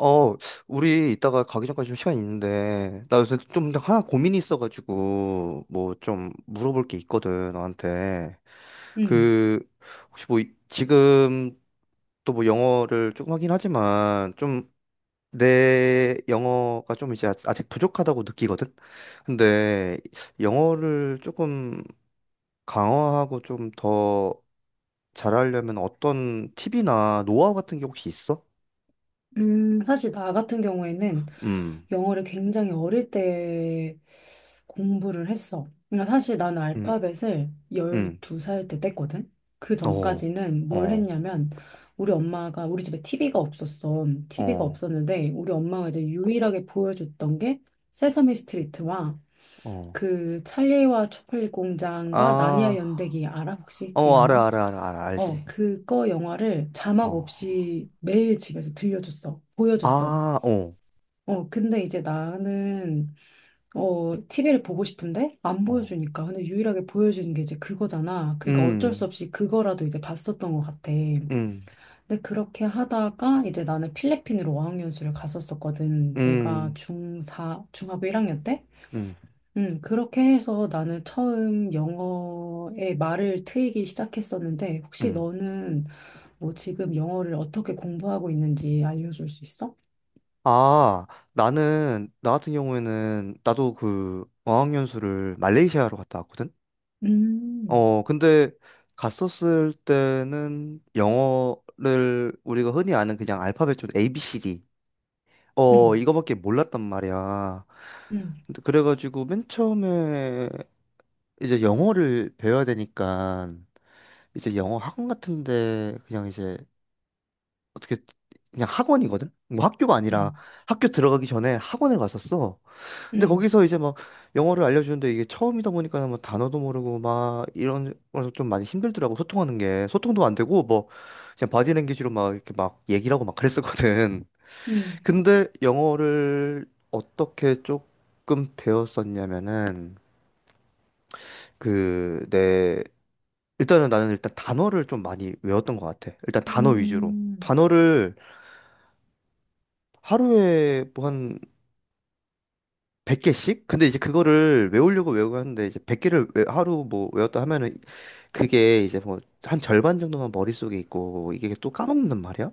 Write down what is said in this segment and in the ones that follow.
어, 우리 이따가 가기 전까지 좀 시간 있는데, 나 요새 좀 하나 고민이 있어가지고, 뭐 좀 물어볼 게 있거든, 너한테. 음, 그, 혹시 뭐, 지금 또 뭐 영어를 조금 하긴 하지만, 좀 내 영어가 좀 이제 아직 부족하다고 느끼거든? 근데 영어를 조금 강화하고 좀 더 잘하려면 어떤 팁이나 노하우 같은 게 혹시 있어? 사실 나 같은 경우에는 음, 영어를 굉장히 어릴 때 공부를 했어. 그러니까 사실 나는 음, 알파벳을 음. 12살 때 뗐거든? 그 어, 전까지는 뭘 어, 했냐면, 우리 엄마가, 우리 집에 TV가 없었어. TV가 어, 없었는데, 우리 엄마가 이제 유일하게 보여줬던 게 세서미 스트리트와 어. 그 찰리와 초콜릿 공장과 나니아 아, 연대기 알아? 혹시 그 어, 영화? 알아, 알아, 알아, 알아, 어, 알지. 그거 영화를 자막 어. 없이 매일 집에서 들려줬어. 보여줬어. 아, 어, 어, 근데 이제 나는, TV를 보고 싶은데 안 어. 보여주니까. 근데 유일하게 보여주는 게 이제 그거잖아. 그러니까 어쩔 수 음, 없이 그거라도 이제 봤었던 것 같아. 근데 음, 그렇게 하다가 이제 나는 필리핀으로 어학연수를 갔었었거든. 내가 음, 중4, 중학교 1학년 때? 음, 그렇게 해서 나는 처음 영어의 말을 트이기 시작했었는데, 혹시 음. 너는 뭐 지금 영어를 어떻게 공부하고 있는지 알려줄 수 있어? 아, 나 같은 경우에는, 나도 어학연수를 말레이시아로 갔다 왔거든? 음, 근데, 갔었을 때는, 영어를, 우리가 흔히 아는 그냥 알파벳 좀 ABCD, 음, 이거밖에 몰랐단 말이야. 음, 근데 그래가지고 맨 처음에 이제 영어를 배워야 되니까 이제 영어 학원 같은데 그냥 이제 어떻게, 그냥 학원이거든? 뭐 학교가 아니라 음, 학교 들어가기 전에 학원을 갔었어. 근데 음, 거기서 이제 막 영어를 알려주는데, 이게 처음이다 보니까 뭐 단어도 모르고 막 이런 거좀 많이 힘들더라고. 소통하는 게 소통도 안 되고, 뭐 그냥 바디랭귀지로 막 이렇게 막 얘기를 하고 막 그랬었거든. 음, 근데 영어를 어떻게 조금 배웠었냐면은 그 내 일단은 나는 일단 단어를 좀 많이 외웠던 것 같아. 일단 단어 위주로. 음, 단어를 하루에 뭐 한 100개씩? 근데 이제 그거를 외우려고 외우고 하는데, 이제 100개를 하루 뭐 외웠다 하면은 그게 이제 뭐 한 절반 정도만 머릿속에 있고 이게 또 까먹는단 말이야?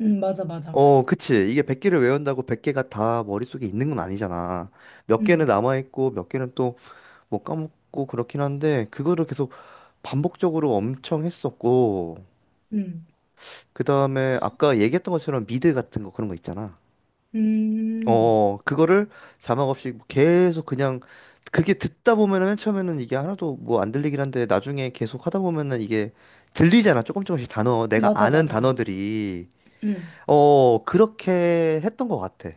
맞아, 맞아. 어, 그치. 이게 100개를 외운다고 100개가 다 머릿속에 있는 건 아니잖아. 몇 개는 음, 남아있고, 몇 개는 못 까먹고 그렇긴 한데, 그거를 계속 반복적으로 엄청 했었고, 음, 그다음에 아까 얘기했던 것처럼 미드 같은 거 그런 거 있잖아. 음, 그거를 자막 없이 계속 그냥, 그게 듣다 보면은 맨 처음에는 이게 하나도 뭐 안 들리긴 한데, 나중에 계속 하다 보면은 이게 들리잖아. 조금 조금씩 단어, 내가 맞아, 아는 맞아. 단어들이. 음, 그렇게 했던 것 같아.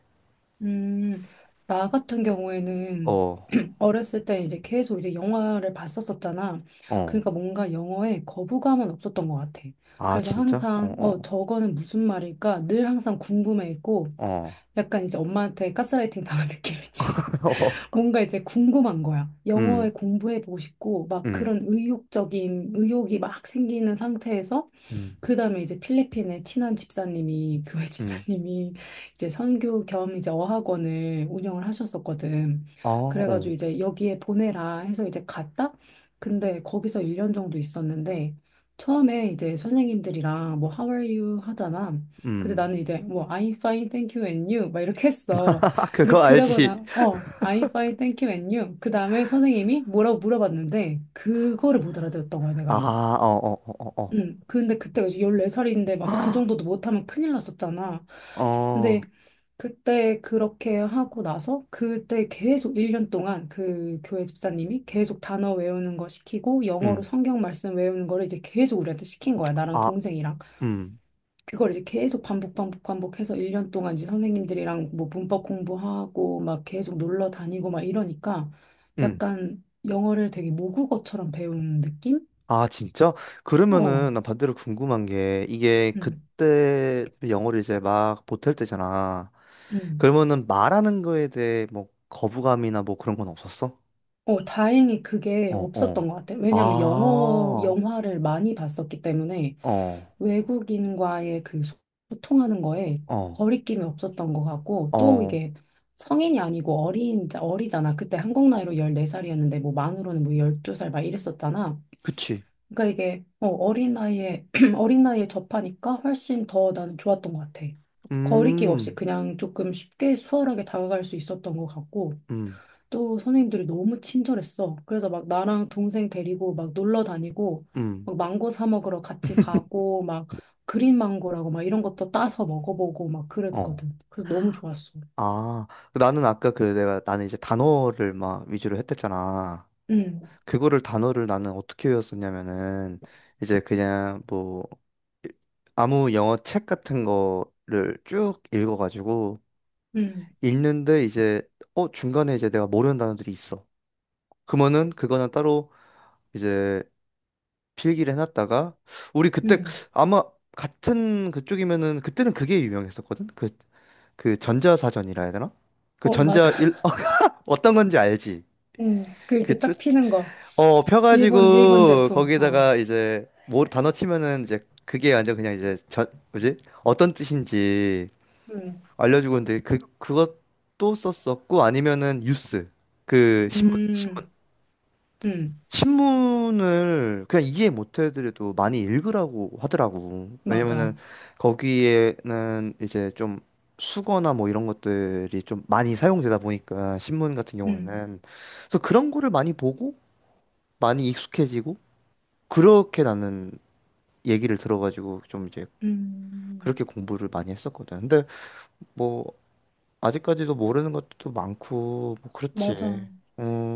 음, 나 같은 경우에는 어, 어렸을 때 이제 계속 이제 영화를 봤었었잖아. 어. 그러니까 뭔가 영어에 거부감은 없었던 것 같아. 아, 그래서 진짜? 항상, 어, 저거는 무슨 말일까? 늘 항상 궁금해 했고, 어, 어. 약간 이제 엄마한테 가스라이팅 당한 느낌이지. 어. 뭔가 이제 궁금한 거야. 음, 영어에 공부해보고 싶고, 막 음, 그런 의욕이 막 생기는 상태에서 음, 그다음에 이제 필리핀의 친한 집사님이 교회 음. 집사님이 이제 선교 겸 이제 어학원을 운영을 하셨었거든. 아, 그래가지고 어. 이제 여기에 보내라 해서 이제 갔다. 근데 거기서 1년 정도 있었는데 처음에 이제 선생님들이랑 뭐 How are you 하잖아. 근데 음. 나는 이제 뭐 I'm fine, thank you and you 막 이렇게 했어. 근데 그거 알지? 그러거나 I'm fine, thank you and you 그 다음에 선생님이 뭐라고 물어봤는데 그거를 못 알아들었던 거야 아, 내가. 어, 어, 어, 어, 어. 응. 근데 그때가 이제 14살인데 막 그 정도도 못하면 큰일 났었잖아. 근데 어, 그때 그렇게 하고 나서 그때 계속 1년 동안 그 교회 집사님이 계속 단어 외우는 거 시키고 영어로 음. 성경 말씀 외우는 거를 이제 계속 우리한테 시킨 거야. 나랑 아, 동생이랑. 음. 그걸 이제 계속 반복 반복 반복해서 1년 동안 이제 선생님들이랑 뭐 문법 공부하고 막 계속 놀러 다니고 막 이러니까 음. 약간 영어를 되게 모국어처럼 배우는 느낌? 아, 진짜? 어. 그러면은 난 반대로 궁금한 게, 이게 응. 그때 영어를 이제 막 못할 때잖아. 응. 그러면은 말하는 거에 대해 뭐 거부감이나 뭐 그런 건 없었어? 어, 다행히 그게 어, 없었던 어. 것 같아요. 아, 왜냐하면 영어, 영화를 많이 봤었기 때문에 어, 외국인과의 그 소통하는 거에 어, 거리낌이 없었던 것 같고 또 어. 이게 성인이 아니고 어린, 어리잖아. 그때 한국 나이로 14살이었는데 뭐 만으로는 뭐 12살 막 이랬었잖아. 그치. 그러니까 이게 어린 나이에, 어린 나이에 접하니까 훨씬 더 나는 좋았던 것 같아. 거리낌 없이 음, 그냥 조금 쉽게 수월하게 다가갈 수 있었던 것 같고 음, 또 선생님들이 너무 친절했어. 그래서 막 나랑 동생 데리고 막 놀러 다니고, 음. 막 망고 사 먹으러 같이 가고, 막 그린 망고라고 막 이런 것도 따서 먹어보고 막 어. 그랬거든. 그래서 너무 좋았어. 아, 나는 아까 그 내가 나는 이제 단어를 막 위주로 했댔잖아. 응, 그거를, 단어를 나는 어떻게 외웠었냐면은, 이제 그냥 뭐 이- 아무 영어 책 같은 거를 쭉 읽어가지고, 응, 읽는데 이제 중간에 이제 내가 모르는 단어들이 있어. 그러면은 그거는 따로 이제 필기를 해놨다가, 우리 그때 응. 아마 같은 그쪽이면은 그때는 그게 유명했었거든. 그 전자사전이라 해야 되나? 그 어, 맞아. 전자 일 어, 떤 건지 알지? 응, 그 이렇게 딱 피는 그쭉어 거. 일본 펴가지고 제품. 어, 거기다가 이제 뭐 단어 치면은, 이제 그게 완전 그냥 이제 저 뭐지, 어떤 뜻인지 응, 알려주고 는데, 그 그것도 썼었고, 아니면은 뉴스 그 신문 음, 응, 신문을 그냥 이해 못 해드려도 많이 읽으라고 하더라고. 왜냐면은 맞아. 거기에는 이제 좀 수거나 뭐 이런 것들이 좀 많이 사용되다 보니까, 신문 같은 응, 경우에는. 그래서 그런 거를 많이 보고 많이 익숙해지고, 그렇게 나는 얘기를 들어가지고 좀 이제 음, 그렇게 공부를 많이 했었거든. 근데 뭐, 아직까지도 모르는 것도 많고 뭐 그렇지. 맞아.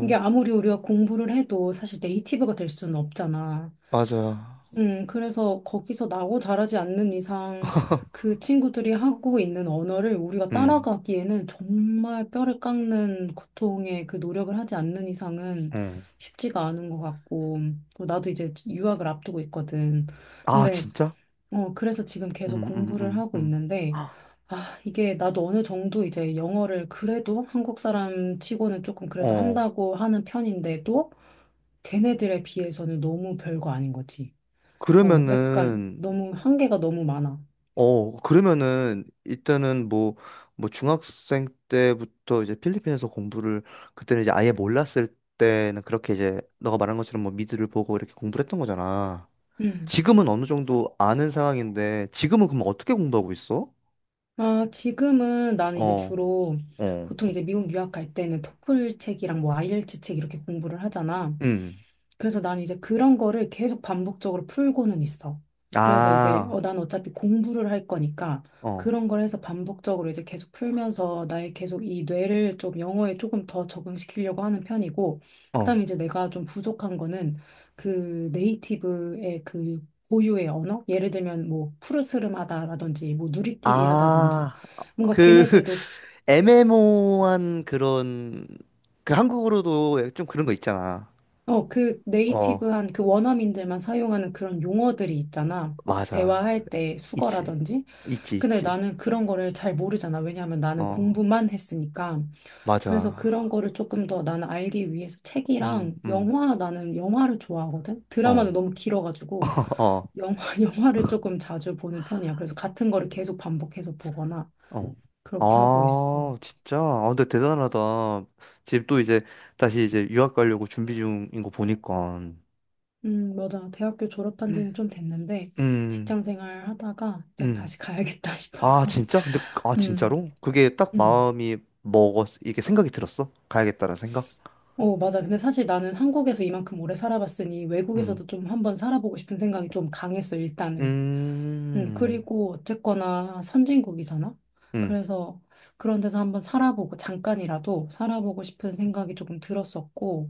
이게 아무리 우리가 공부를 해도 사실 네이티브가 될 수는 없잖아. 맞아. 그래서 거기서 나고 자라지 않는 이상 그 친구들이 하고 있는 언어를 우리가 음. 따라가기에는 정말 뼈를 깎는 고통의 그 노력을 하지 않는 이상은 음. 쉽지가 않은 것 같고, 또 나도 이제 유학을 앞두고 있거든. 아, 근데, 진짜? 어, 그래서 지금 계속 음, 음, 공부를 음, 하고 음. 있는데, 헉, 아, 이게 나도 어느 정도 이제 영어를 그래도 한국 사람 치고는 조금 그래도 어, 한다고 하는 편인데도 걔네들에 비해서는 너무 별거 아닌 거지. 약간 그러면은, 너무 한계가 너무 많아. 그러면은, 일단은 뭐, 중학생 때부터 이제 필리핀에서 공부를, 그때는 이제 아예 몰랐을 때는 그렇게 이제, 너가 말한 것처럼 뭐, 미드를 보고 이렇게 공부를 했던 거잖아. 음, 지금은 어느 정도 아는 상황인데, 지금은 그럼 어떻게 공부하고 있어? 아, 지금은 나는 이제 어, 주로 어, 보통 이제 미국 유학 갈 때는 토플 책이랑 뭐 아이엘츠 책 이렇게 공부를 하잖아. 음. 그래서 난 이제 그런 거를 계속 반복적으로 풀고는 있어. 그래서 이제 아, 난 어차피 공부를 할 거니까 어, 그런 걸 해서 반복적으로 이제 계속 풀면서 나의 계속 이 뇌를 좀 영어에 조금 더 적응시키려고 하는 편이고, 그다음에 어. 이제 내가 좀 부족한 거는 그 네이티브의 그 고유의 언어? 예를 들면 뭐 푸르스름하다라든지 뭐 누리끼리 하다든지 아, 뭔가 그, 걔네들도 애매모호한 그런, 그 한국으로도 좀 그런 거 있잖아. 그 어, 네이티브한 그 원어민들만 사용하는 그런 용어들이 있잖아. 맞아. 대화할 때 있지. 수거라든지. 있지, 근데 있지. 나는 그런 거를 잘 모르잖아. 왜냐하면 나는 어, 공부만 했으니까. 그래서 맞아. 그런 거를 조금 더 나는 알기 위해서 음, 책이랑 음. 영화, 나는 영화를 좋아하거든. 드라마는 어, 너무 길어가지고 어, 영화, 영화를 조금 자주 보는 편이야. 그래서 같은 거를 계속 반복해서 보거나 어. 그렇게 하고 있어. 아, 진짜. 아, 근데 대단하다. 지금 또 이제 다시 이제 유학 가려고 준비 중인 거 보니까. 맞아. 대학교 졸업한 지는 좀 됐는데, 음, 직장 생활 하다가 이제 음. 다시 가야겠다 아, 싶어서. 진짜? 근데 아, 음, 진짜로? 그게 딱 음. 마음이 먹었 이게 생각이 들었어? 가야겠다라는 생각? 어, 맞아. 근데 사실 나는 한국에서 이만큼 오래 살아봤으니 음. 외국에서도 좀 한번 살아보고 싶은 생각이 좀 강했어, 일단은. 음, 그리고 어쨌거나 선진국이잖아. 음, 그래서 그런 데서 한번 살아보고 잠깐이라도 살아보고 싶은 생각이 조금 들었었고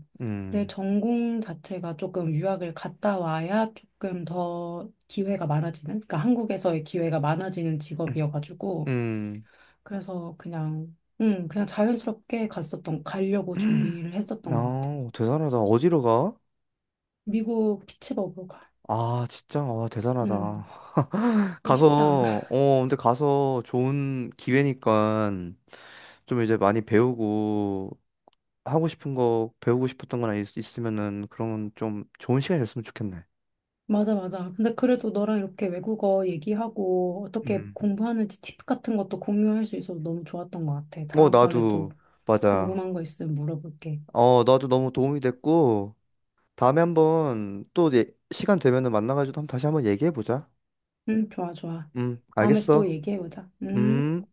내 음, 전공 자체가 조금 유학을 갔다 와야 조금 더 기회가 많아지는, 그러니까 한국에서의 기회가 많아지는 직업이어가지고 음. 그래서 그냥 그냥 자연스럽게 갔었던 가려고 준비를 했었던 것 같아. 아, 대단하다. 어디로 가? 미국 피츠버그가. 아, 진짜, 아 대단하다. 음, 근데 쉽지 않아. 근데 가서 좋은 기회니까 좀 이제 많이 배우고, 하고 싶은 거, 배우고 싶었던 거나 있으면은 그런 좀 좋은 시간이었으면 좋겠네. 맞아, 맞아. 근데 그래도 너랑 이렇게 외국어 얘기하고 어떻게 음. 공부하는지 팁 같은 것도 공유할 수 있어서 너무 좋았던 것 같아. 어, 다음번에 또 나도, 맞아. 궁금한 거 있으면 물어볼게. 나도 너무 도움이 됐고, 다음에 한번 또 시간 되면은 만나가지고 한번 다시 한번 얘기해보자. 응, 좋아, 좋아. 다음에 알겠어. 또 얘기해보자. 음. 음.